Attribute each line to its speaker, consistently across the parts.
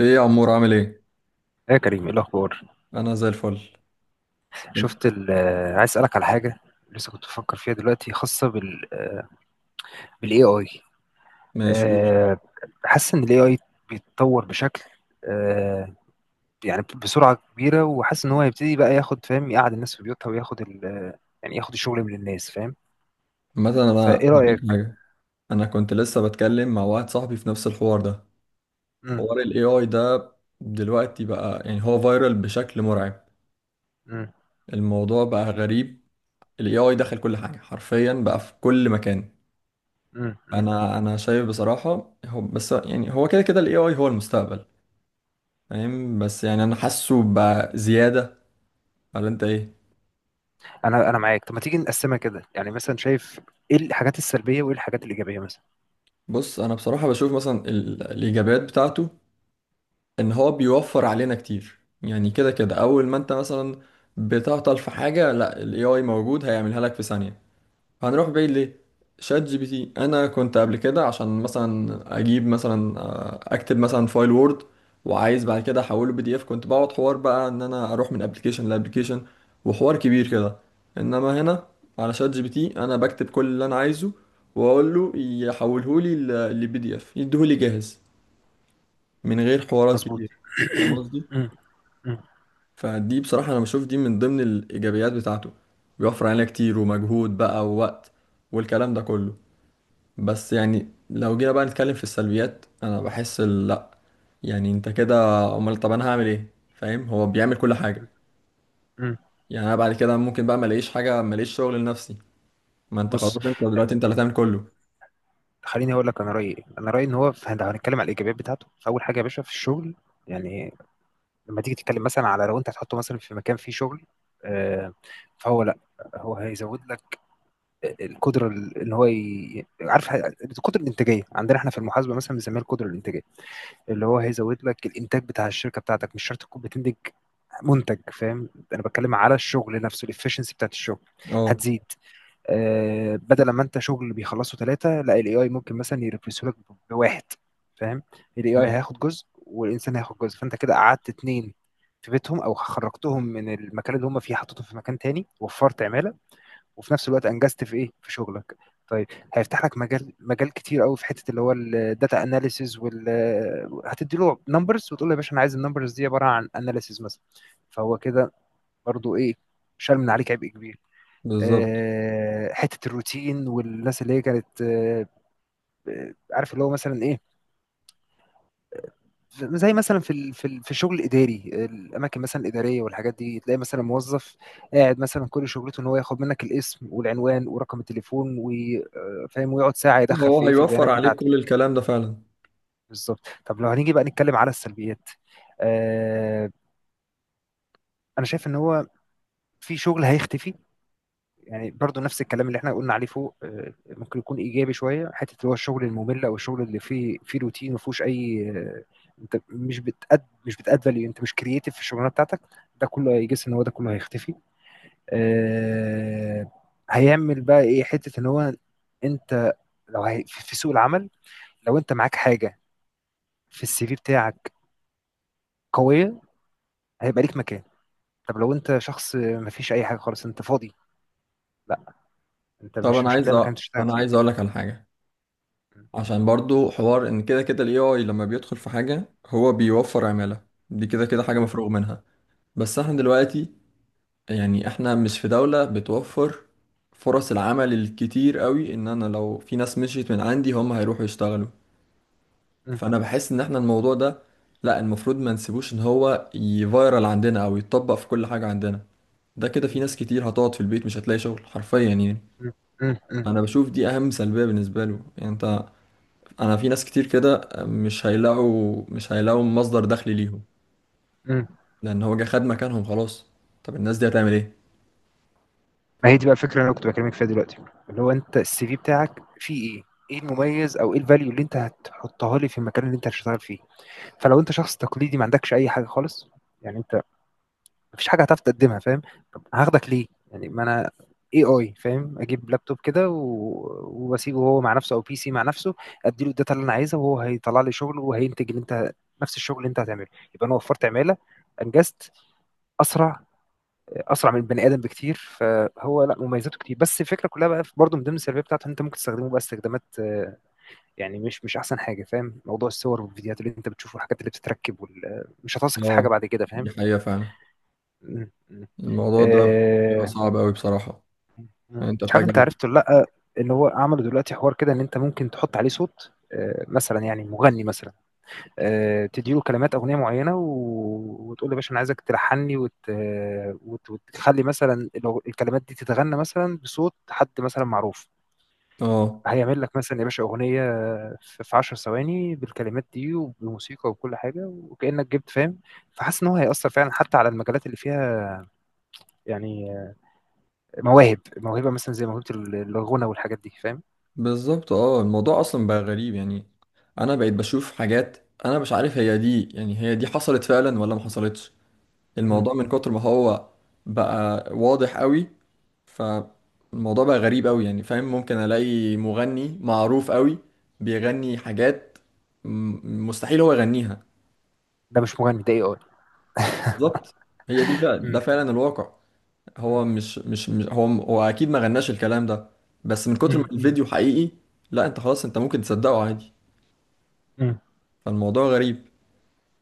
Speaker 1: ايه يا عمور عامل ايه؟
Speaker 2: يا كريم، ايه الاخبار؟
Speaker 1: انا زي الفل.
Speaker 2: شفت ال- آه، عايز اسالك على حاجه. لسه كنت بفكر فيها دلوقتي، خاصه بالاي اي.
Speaker 1: ماشي قول.
Speaker 2: أه حاسس ان الاي اي بيتطور بشكل، آه، يعني بسرعه كبيره، وحاسس ان هو هيبتدي بقى ياخد، فاهم، يقعد الناس في بيوتها، وياخد ال آه، يعني ياخد الشغل من الناس، فاهم.
Speaker 1: مثلا انا
Speaker 2: فايه
Speaker 1: هقول
Speaker 2: رايك؟
Speaker 1: لك حاجه. انا كنت لسه بتكلم مع واحد صاحبي في نفس الحوار ده،
Speaker 2: مم.
Speaker 1: حوار الاي اي ده. دلوقتي بقى يعني هو فايرال بشكل مرعب.
Speaker 2: مم.
Speaker 1: الموضوع بقى غريب. الاي اي دخل كل حاجه حرفيا بقى في كل مكان.
Speaker 2: مم. مم.
Speaker 1: انا شايف بصراحه، هو بس يعني هو كده كده الاي اي هو المستقبل، فاهم؟ بس يعني انا حاسه بقى زياده، ولا انت ايه؟
Speaker 2: انا معاك. طب ما تيجي نقسمها كده، يعني مثلا شايف ايه الحاجات السلبيه وايه الحاجات الايجابيه مثلا.
Speaker 1: بص، انا بصراحه بشوف مثلا الايجابيات بتاعته ان هو بيوفر علينا كتير. يعني كده كده اول ما انت مثلا بتعطل في حاجه، لا الاي اي موجود هيعملها لك في ثانيه. هنروح بعيد ليه؟ شات جي بي تي، انا كنت قبل كده عشان مثلا اجيب مثلا، اكتب مثلا فايل وورد وعايز بعد كده احوله بي دي اف، كنت بقعد حوار بقى ان انا اروح من ابلكيشن لابلكيشن، وحوار كبير كده. انما هنا على شات جي بي تي انا بكتب كل اللي انا عايزه واقول له يحوله لي لبي دي اف، يديهولي جاهز من غير حوارات
Speaker 2: مظبوط.
Speaker 1: كتير.
Speaker 2: مم. مم.
Speaker 1: فدي بصراحة أنا بشوف دي من ضمن الإيجابيات بتاعته، بيوفر علينا كتير ومجهود بقى ووقت والكلام ده كله. بس يعني لو جينا بقى نتكلم في السلبيات، أنا بحس لأ، يعني أنت كده، أمال طب أنا هعمل إيه؟ فاهم، هو بيعمل كل حاجة.
Speaker 2: مم.
Speaker 1: يعني أنا بعد كده ممكن بقى ما الاقيش حاجة، ما الاقيش شغل لنفسي. ما أنت خلاص،
Speaker 2: بص،
Speaker 1: أنت دلوقتي أنت اللي هتعمل كله.
Speaker 2: خليني اقول لك انا رايي إيه. انا رايي ان هو، لو هنتكلم على الايجابيات بتاعته، فاول حاجه يا باشا في الشغل، يعني لما تيجي تتكلم مثلا على، لو انت هتحطه مثلا في مكان فيه شغل، آه، فهو، لا، هو هيزود لك القدره، ان هو عارف، القدره الانتاجيه، عندنا احنا في المحاسبه مثلا بنسميها القدره الانتاجيه، اللي هو هيزود لك الانتاج بتاع الشركه بتاعتك. مش شرط تكون بتنتج منتج، فاهم. انا بتكلم على الشغل نفسه، الافشنسي بتاعت الشغل
Speaker 1: أه
Speaker 2: هتزيد. بدل ما انت شغل بيخلصه ثلاثة، لا، الاي اي ممكن مثلا يرفسه لك بواحد، فاهم. الاي اي
Speaker 1: فاهم.
Speaker 2: هياخد جزء والانسان هياخد جزء، فانت كده قعدت اتنين في بيتهم، او خرجتهم من المكان اللي هم فيه حطيتهم في مكان تاني، وفرت عمالة، وفي نفس الوقت انجزت في ايه، في شغلك. طيب، هيفتح لك مجال، مجال كتير قوي في حته اللي هو الداتا اناليسيز، هتدي له نمبرز، وتقول له يا باشا انا عايز النمبرز دي عباره عن اناليسيز مثلا، فهو كده برضو ايه، شال من عليك عبء كبير.
Speaker 1: بالظبط،
Speaker 2: حته الروتين والناس اللي هي كانت، عارف اللي هو مثلا ايه، زي مثلا في الشغل الاداري، الاماكن مثلا الاداريه والحاجات دي، تلاقي مثلا موظف قاعد مثلا كل شغلته ان هو ياخد منك الاسم والعنوان ورقم التليفون، وفاهم، ويقعد ساعه يدخل
Speaker 1: هو
Speaker 2: في ايه، في
Speaker 1: هيوفر
Speaker 2: البيانات
Speaker 1: عليك كل
Speaker 2: بتاعتك.
Speaker 1: الكلام ده فعلا.
Speaker 2: بالظبط. طب لو هنيجي بقى نتكلم على السلبيات، آه، انا شايف ان هو في شغل هيختفي. يعني برضو نفس الكلام اللي احنا قلنا عليه فوق، ممكن يكون ايجابي شويه، حته اللي هو الشغل الممل او الشغل اللي فيه روتين، ما فيهوش اي، انت مش بتأد فاليو، انت مش كرييتيف في الشغلانه بتاعتك، ده كله هيجس ان هو ده كله هيختفي. آه، هيعمل بقى ايه، حته ان هو، انت لو هي في سوق العمل، لو انت معاك حاجه في السي في بتاعك قويه، هيبقى ليك مكان. طب لو انت شخص ما فيش اي حاجه خالص، انت فاضي، لا، انت
Speaker 1: طب
Speaker 2: مش
Speaker 1: أنا
Speaker 2: مش
Speaker 1: عايز
Speaker 2: هتلاقي مكان تشتغل
Speaker 1: أنا عايز
Speaker 2: فيه.
Speaker 1: أقول لك على حاجة.
Speaker 2: م-
Speaker 1: عشان برضو حوار ان كده كده الاي اي لما بيدخل في حاجة هو بيوفر عمالة، دي كده كده حاجة مفروغ منها. بس احنا
Speaker 2: م-
Speaker 1: دلوقتي، يعني احنا مش في دولة بتوفر فرص العمل الكتير قوي، ان انا لو في ناس مشيت من عندي هم هيروحوا يشتغلوا. فانا
Speaker 2: م-
Speaker 1: بحس ان احنا الموضوع ده، لا، المفروض ما نسيبوش ان هو يفايرال عندنا او يتطبق في كل حاجة عندنا. ده كده في
Speaker 2: م-
Speaker 1: ناس كتير هتقعد في البيت مش هتلاقي شغل حرفيا يعني.
Speaker 2: مم. مم. مم.
Speaker 1: انا بشوف دي اهم سلبية بالنسبة له. يعني انت، انا في ناس كتير كده مش هيلاقوا مصدر دخل ليهم،
Speaker 2: مم.
Speaker 1: لان هو جه خد مكانهم خلاص. طب الناس دي هتعمل ايه؟
Speaker 2: ما هي دي بقى الفكره اللي انا كنت بكلمك فيها دلوقتي، اللي هو، انت السي في بتاعك فيه ايه؟ ايه المميز او ايه الفاليو اللي انت هتحطها لي في المكان اللي انت هتشتغل فيه؟ فلو انت شخص تقليدي ما عندكش اي حاجه خالص، يعني انت مفيش حاجه هتعرف تقدمها، فاهم؟ طب هاخدك ليه؟ يعني ما انا اي اي، فاهم؟ اجيب لابتوب كده و- واسيبه هو مع نفسه، او بي سي مع نفسه. اديله الداتا اللي انا عايزها وهو هيطلع لي شغل وهينتج اللي انت، نفس الشغل اللي انت هتعمله. يبقى انا وفرت عماله، انجزت اسرع، اسرع من البني ادم بكتير. فهو، لا، مميزاته كتير. بس الفكره كلها بقى، برضه من ضمن السلبيه بتاعته، إن انت ممكن تستخدمه بقى استخدامات، يعني مش احسن حاجه، فاهم. موضوع الصور والفيديوهات اللي انت بتشوفه والحاجات اللي بتتركب مش هتثق في حاجه
Speaker 1: اه،
Speaker 2: بعد كده،
Speaker 1: دي
Speaker 2: فاهم.
Speaker 1: حقيقة فعلا.
Speaker 2: م.
Speaker 1: الموضوع ده بيبقى
Speaker 2: آه،
Speaker 1: صعب قوي بصراحة. يعني انت
Speaker 2: مش عارف انت
Speaker 1: فجأة،
Speaker 2: عرفت ولا لا، ان هو عملوا دلوقتي حوار كده، ان انت ممكن تحط عليه صوت، مثلا يعني مغني مثلا، تديله كلمات اغنيه معينه، وتقول له يا باشا انا عايزك تلحني وتخلي مثلا، لو الكلمات دي تتغنى مثلا بصوت حد مثلا معروف،
Speaker 1: اه
Speaker 2: هيعمل لك مثلا يا باشا اغنيه في 10 ثواني، بالكلمات دي وبموسيقى وكل حاجه، وكانك جبت، فاهم. فحاسس ان هو هيأثر فعلا حتى على المجالات اللي فيها، يعني موهبه مثلا، زي موهبه الغنى والحاجات دي، فاهم.
Speaker 1: بالظبط. اه، الموضوع اصلا بقى غريب يعني. انا بقيت بشوف حاجات انا مش عارف هي دي، يعني هي دي حصلت فعلا ولا ما حصلتش.
Speaker 2: مم.
Speaker 1: الموضوع من كتر ما هو بقى واضح قوي. فالموضوع بقى غريب قوي يعني، فاهم؟ ممكن الاقي مغني معروف قوي بيغني حاجات مستحيل هو يغنيها.
Speaker 2: ده مش مغني، ده اي
Speaker 1: بالظبط، هي دي فعلا، ده فعلا الواقع. هو مش هو اكيد ما غناش الكلام ده، بس من كتر ما الفيديو حقيقي، لا انت خلاص، انت ممكن تصدقه عادي.
Speaker 2: اي.
Speaker 1: فالموضوع غريب.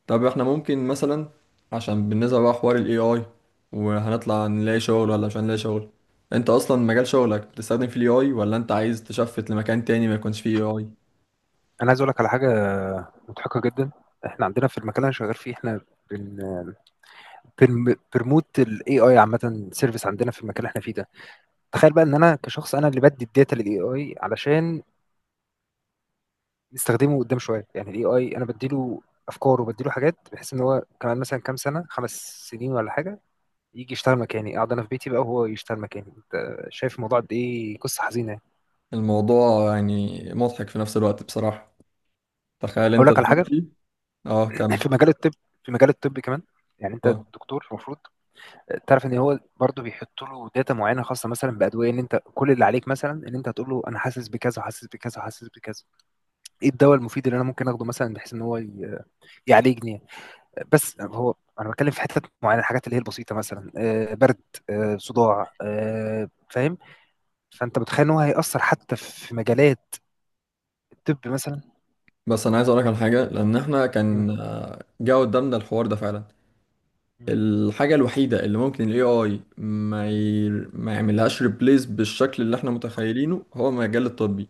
Speaker 1: طب احنا ممكن مثلا، عشان بالنسبة بقى حوار ال AI، وهنطلع نلاقي شغل ولا مش هنلاقي شغل؟ انت اصلا مجال شغلك بتستخدم فيه ال AI، ولا انت عايز تشفت لمكان تاني ما يكونش فيه AI؟
Speaker 2: انا عايز اقول لك على حاجه مضحكه جدا. احنا عندنا في المكان اللي انا شغال فيه، بن بنرموت الاي اي، عامه سيرفيس، عندنا في المكان اللي احنا فيه ده. تخيل بقى ان انا كشخص، انا اللي بدي الداتا للاي اي علشان نستخدمه قدام شويه، يعني الاي اي انا بديله افكار وبديله حاجات، بحيث ان هو كمان مثلا كام سنه، خمس سنين ولا حاجه، يجي يشتغل مكاني، اقعد انا في بيتي بقى وهو يشتغل مكاني. انت شايف الموضوع قد ايه؟ قصه حزينه يعني.
Speaker 1: الموضوع يعني مضحك في نفس الوقت بصراحة. تخيل
Speaker 2: اقول
Speaker 1: انت
Speaker 2: لك على حاجه،
Speaker 1: دلوقتي، اه كم.
Speaker 2: في مجال الطب، في مجال الطب كمان، يعني انت
Speaker 1: اه،
Speaker 2: دكتور المفروض تعرف ان هو برضو بيحط له داتا معينه خاصه مثلا بادويه، ان انت كل اللي عليك مثلا ان انت هتقول له انا حاسس بكذا، حاسس بكذا، حاسس بكذا، ايه الدواء المفيد اللي انا ممكن اخده مثلا، بحيث ان هو يعالجني يعني. بس هو انا بتكلم في حتت معينه، الحاجات اللي هي البسيطه مثلا، برد، صداع، فاهم. فانت متخيل ان هو هيأثر حتى في مجالات الطب مثلا.
Speaker 1: بس انا عايز اقولك على حاجة، لان احنا
Speaker 2: مم،
Speaker 1: كان جه قدامنا الحوار ده فعلا.
Speaker 2: مم،
Speaker 1: الحاجة الوحيدة اللي ممكن ال AI ما يعملهاش ريبليس بالشكل اللي احنا متخيلينه هو المجال الطبي.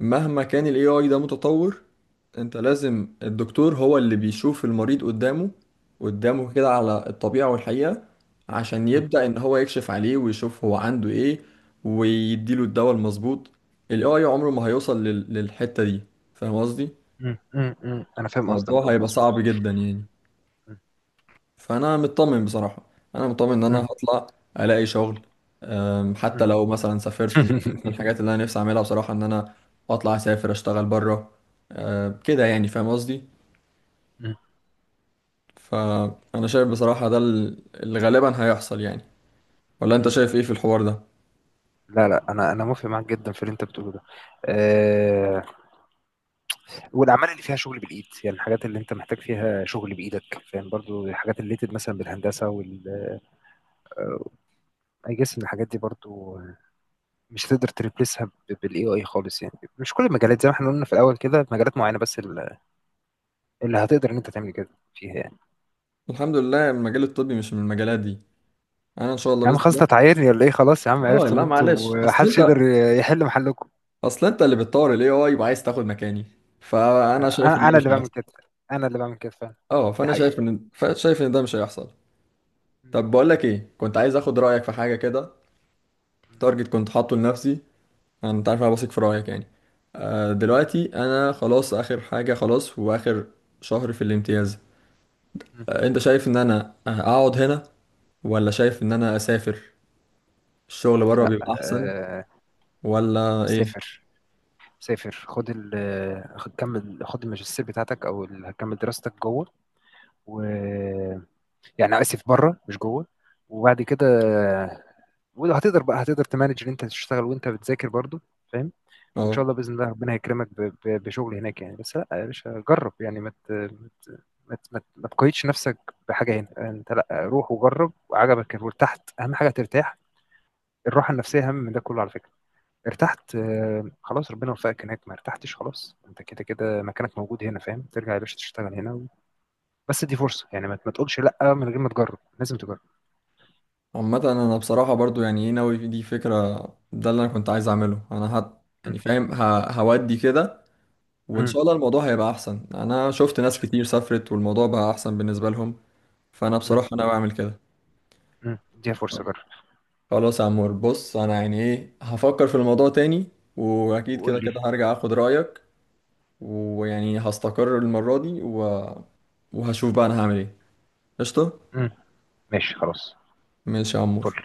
Speaker 1: مهما كان الاي اي ده متطور، انت لازم الدكتور هو اللي بيشوف المريض قدامه كده على الطبيعة والحقيقة، عشان
Speaker 2: مم،
Speaker 1: يبدأ ان هو يكشف عليه ويشوف هو عنده ايه، ويديله الدواء المظبوط. الاي اي عمره ما هيوصل للحتة دي، فاهم قصدي؟
Speaker 2: مم، مم، مم. انا فاهم قصدك.
Speaker 1: الموضوع
Speaker 2: اه،
Speaker 1: هيبقى
Speaker 2: مظبوط.
Speaker 1: صعب جدا يعني.
Speaker 2: مم،
Speaker 1: فانا مطمن بصراحه، انا مطمن ان انا
Speaker 2: مم،
Speaker 1: هطلع الاقي شغل.
Speaker 2: مم.
Speaker 1: حتى لو مثلا سافرت، من الحاجات اللي انا نفسي اعملها بصراحه ان انا اطلع اسافر اشتغل بره. كده يعني، فاهم قصدي؟
Speaker 2: مم،
Speaker 1: فانا شايف بصراحه ده اللي غالبا هيحصل يعني. ولا انت
Speaker 2: مم.
Speaker 1: شايف ايه في الحوار ده؟
Speaker 2: لا، لا، انا موافق معاك جدا في اللي انت بتقوله ده. أه والاعمال اللي فيها شغل بالايد، يعني الحاجات اللي انت محتاج فيها شغل بايدك، فاهم، برضو الحاجات اللي ليتد مثلا بالهندسه وال اي، جس ان الحاجات دي برضو مش هتقدر تريبليسها بالاي اي خالص. يعني مش كل المجالات، زي ما احنا قلنا في الاول كده، مجالات معينه بس اللي هتقدر ان انت تعمل كده فيها يعني.
Speaker 1: الحمد لله المجال الطبي مش من المجالات دي. انا ان شاء الله
Speaker 2: يا عم
Speaker 1: باذن
Speaker 2: خلاص، انت
Speaker 1: الله.
Speaker 2: تعايرني ولا ايه؟ خلاص يا عم،
Speaker 1: اه
Speaker 2: عرفت ان
Speaker 1: لا معلش،
Speaker 2: انتوا
Speaker 1: اصل
Speaker 2: محدش
Speaker 1: انت
Speaker 2: يقدر يحل محلكم.
Speaker 1: اصل انت اللي بتطور الاي اي وعايز تاخد مكاني، فانا شايف ان
Speaker 2: انا
Speaker 1: ده
Speaker 2: انا
Speaker 1: مش
Speaker 2: اللي بعمل
Speaker 1: هيحصل.
Speaker 2: كده، انا اللي بعمل كده فعلا،
Speaker 1: اه،
Speaker 2: دي
Speaker 1: فانا شايف
Speaker 2: حقيقه.
Speaker 1: ان شايف ان ده مش هيحصل.
Speaker 2: م-
Speaker 1: طب بقول لك ايه، كنت عايز اخد رايك في حاجه كده.
Speaker 2: م-
Speaker 1: تارجت كنت حاطه لنفسي، انا، انت عارف انا واثق في رايك يعني.
Speaker 2: م-
Speaker 1: دلوقتي انا خلاص، اخر حاجه، خلاص واخر شهر في الامتياز.
Speaker 2: م-
Speaker 1: انت شايف ان انا اقعد هنا، ولا شايف ان انا اسافر؟ الشغل بره
Speaker 2: لا،
Speaker 1: بيبقى احسن ولا ايه؟
Speaker 2: سافر، سافر، خد الماجستير بتاعتك، او كمل دراستك جوه، و، يعني، اسف بره مش جوه، وبعد كده، ولو هتقدر بقى هتقدر تمانج ان انت تشتغل وانت بتذاكر برضو، فاهم. وان شاء
Speaker 1: اه
Speaker 2: الله باذن الله ربنا هيكرمك بشغل هناك يعني. بس لا يا باشا جرب يعني، ما تقيدش نفسك بحاجه هنا. انت لا، روح وجرب وعجبك وارتحت، اهم حاجه ترتاح. الراحه النفسيه اهم من ده كله على فكره. ارتحت، خلاص، ربنا وفقك هناك. ما ارتحتش، خلاص، انت كده كده مكانك موجود هنا، فاهم، ترجع يا باشا تشتغل هنا و. بس دي فرصه يعني، ما تقولش لا من غير ما تجرب، لازم تجرب.
Speaker 1: عامه، انا بصراحه برضو يعني ايه، ناوي دي فكره، ده اللي انا كنت عايز اعمله. انا
Speaker 2: م-
Speaker 1: يعني، فاهم، هودي كده. وان
Speaker 2: م-
Speaker 1: شاء الله الموضوع هيبقى احسن، انا شفت ناس
Speaker 2: ش-
Speaker 1: كتير سافرت والموضوع بقى احسن بالنسبه لهم. فانا
Speaker 2: م-
Speaker 1: بصراحه انا بعمل كده.
Speaker 2: م. دي فرصه، جرب،
Speaker 1: خلاص يا عمور، بص انا يعني ايه، هفكر في الموضوع تاني، واكيد كده
Speaker 2: وقول لي.
Speaker 1: كده هرجع اخد رايك. ويعني هستقر المره دي وهشوف بقى انا هعمل ايه. قشطه.
Speaker 2: م. ماشي خلاص.
Speaker 1: ماشي يا
Speaker 2: فل.
Speaker 1: عمور.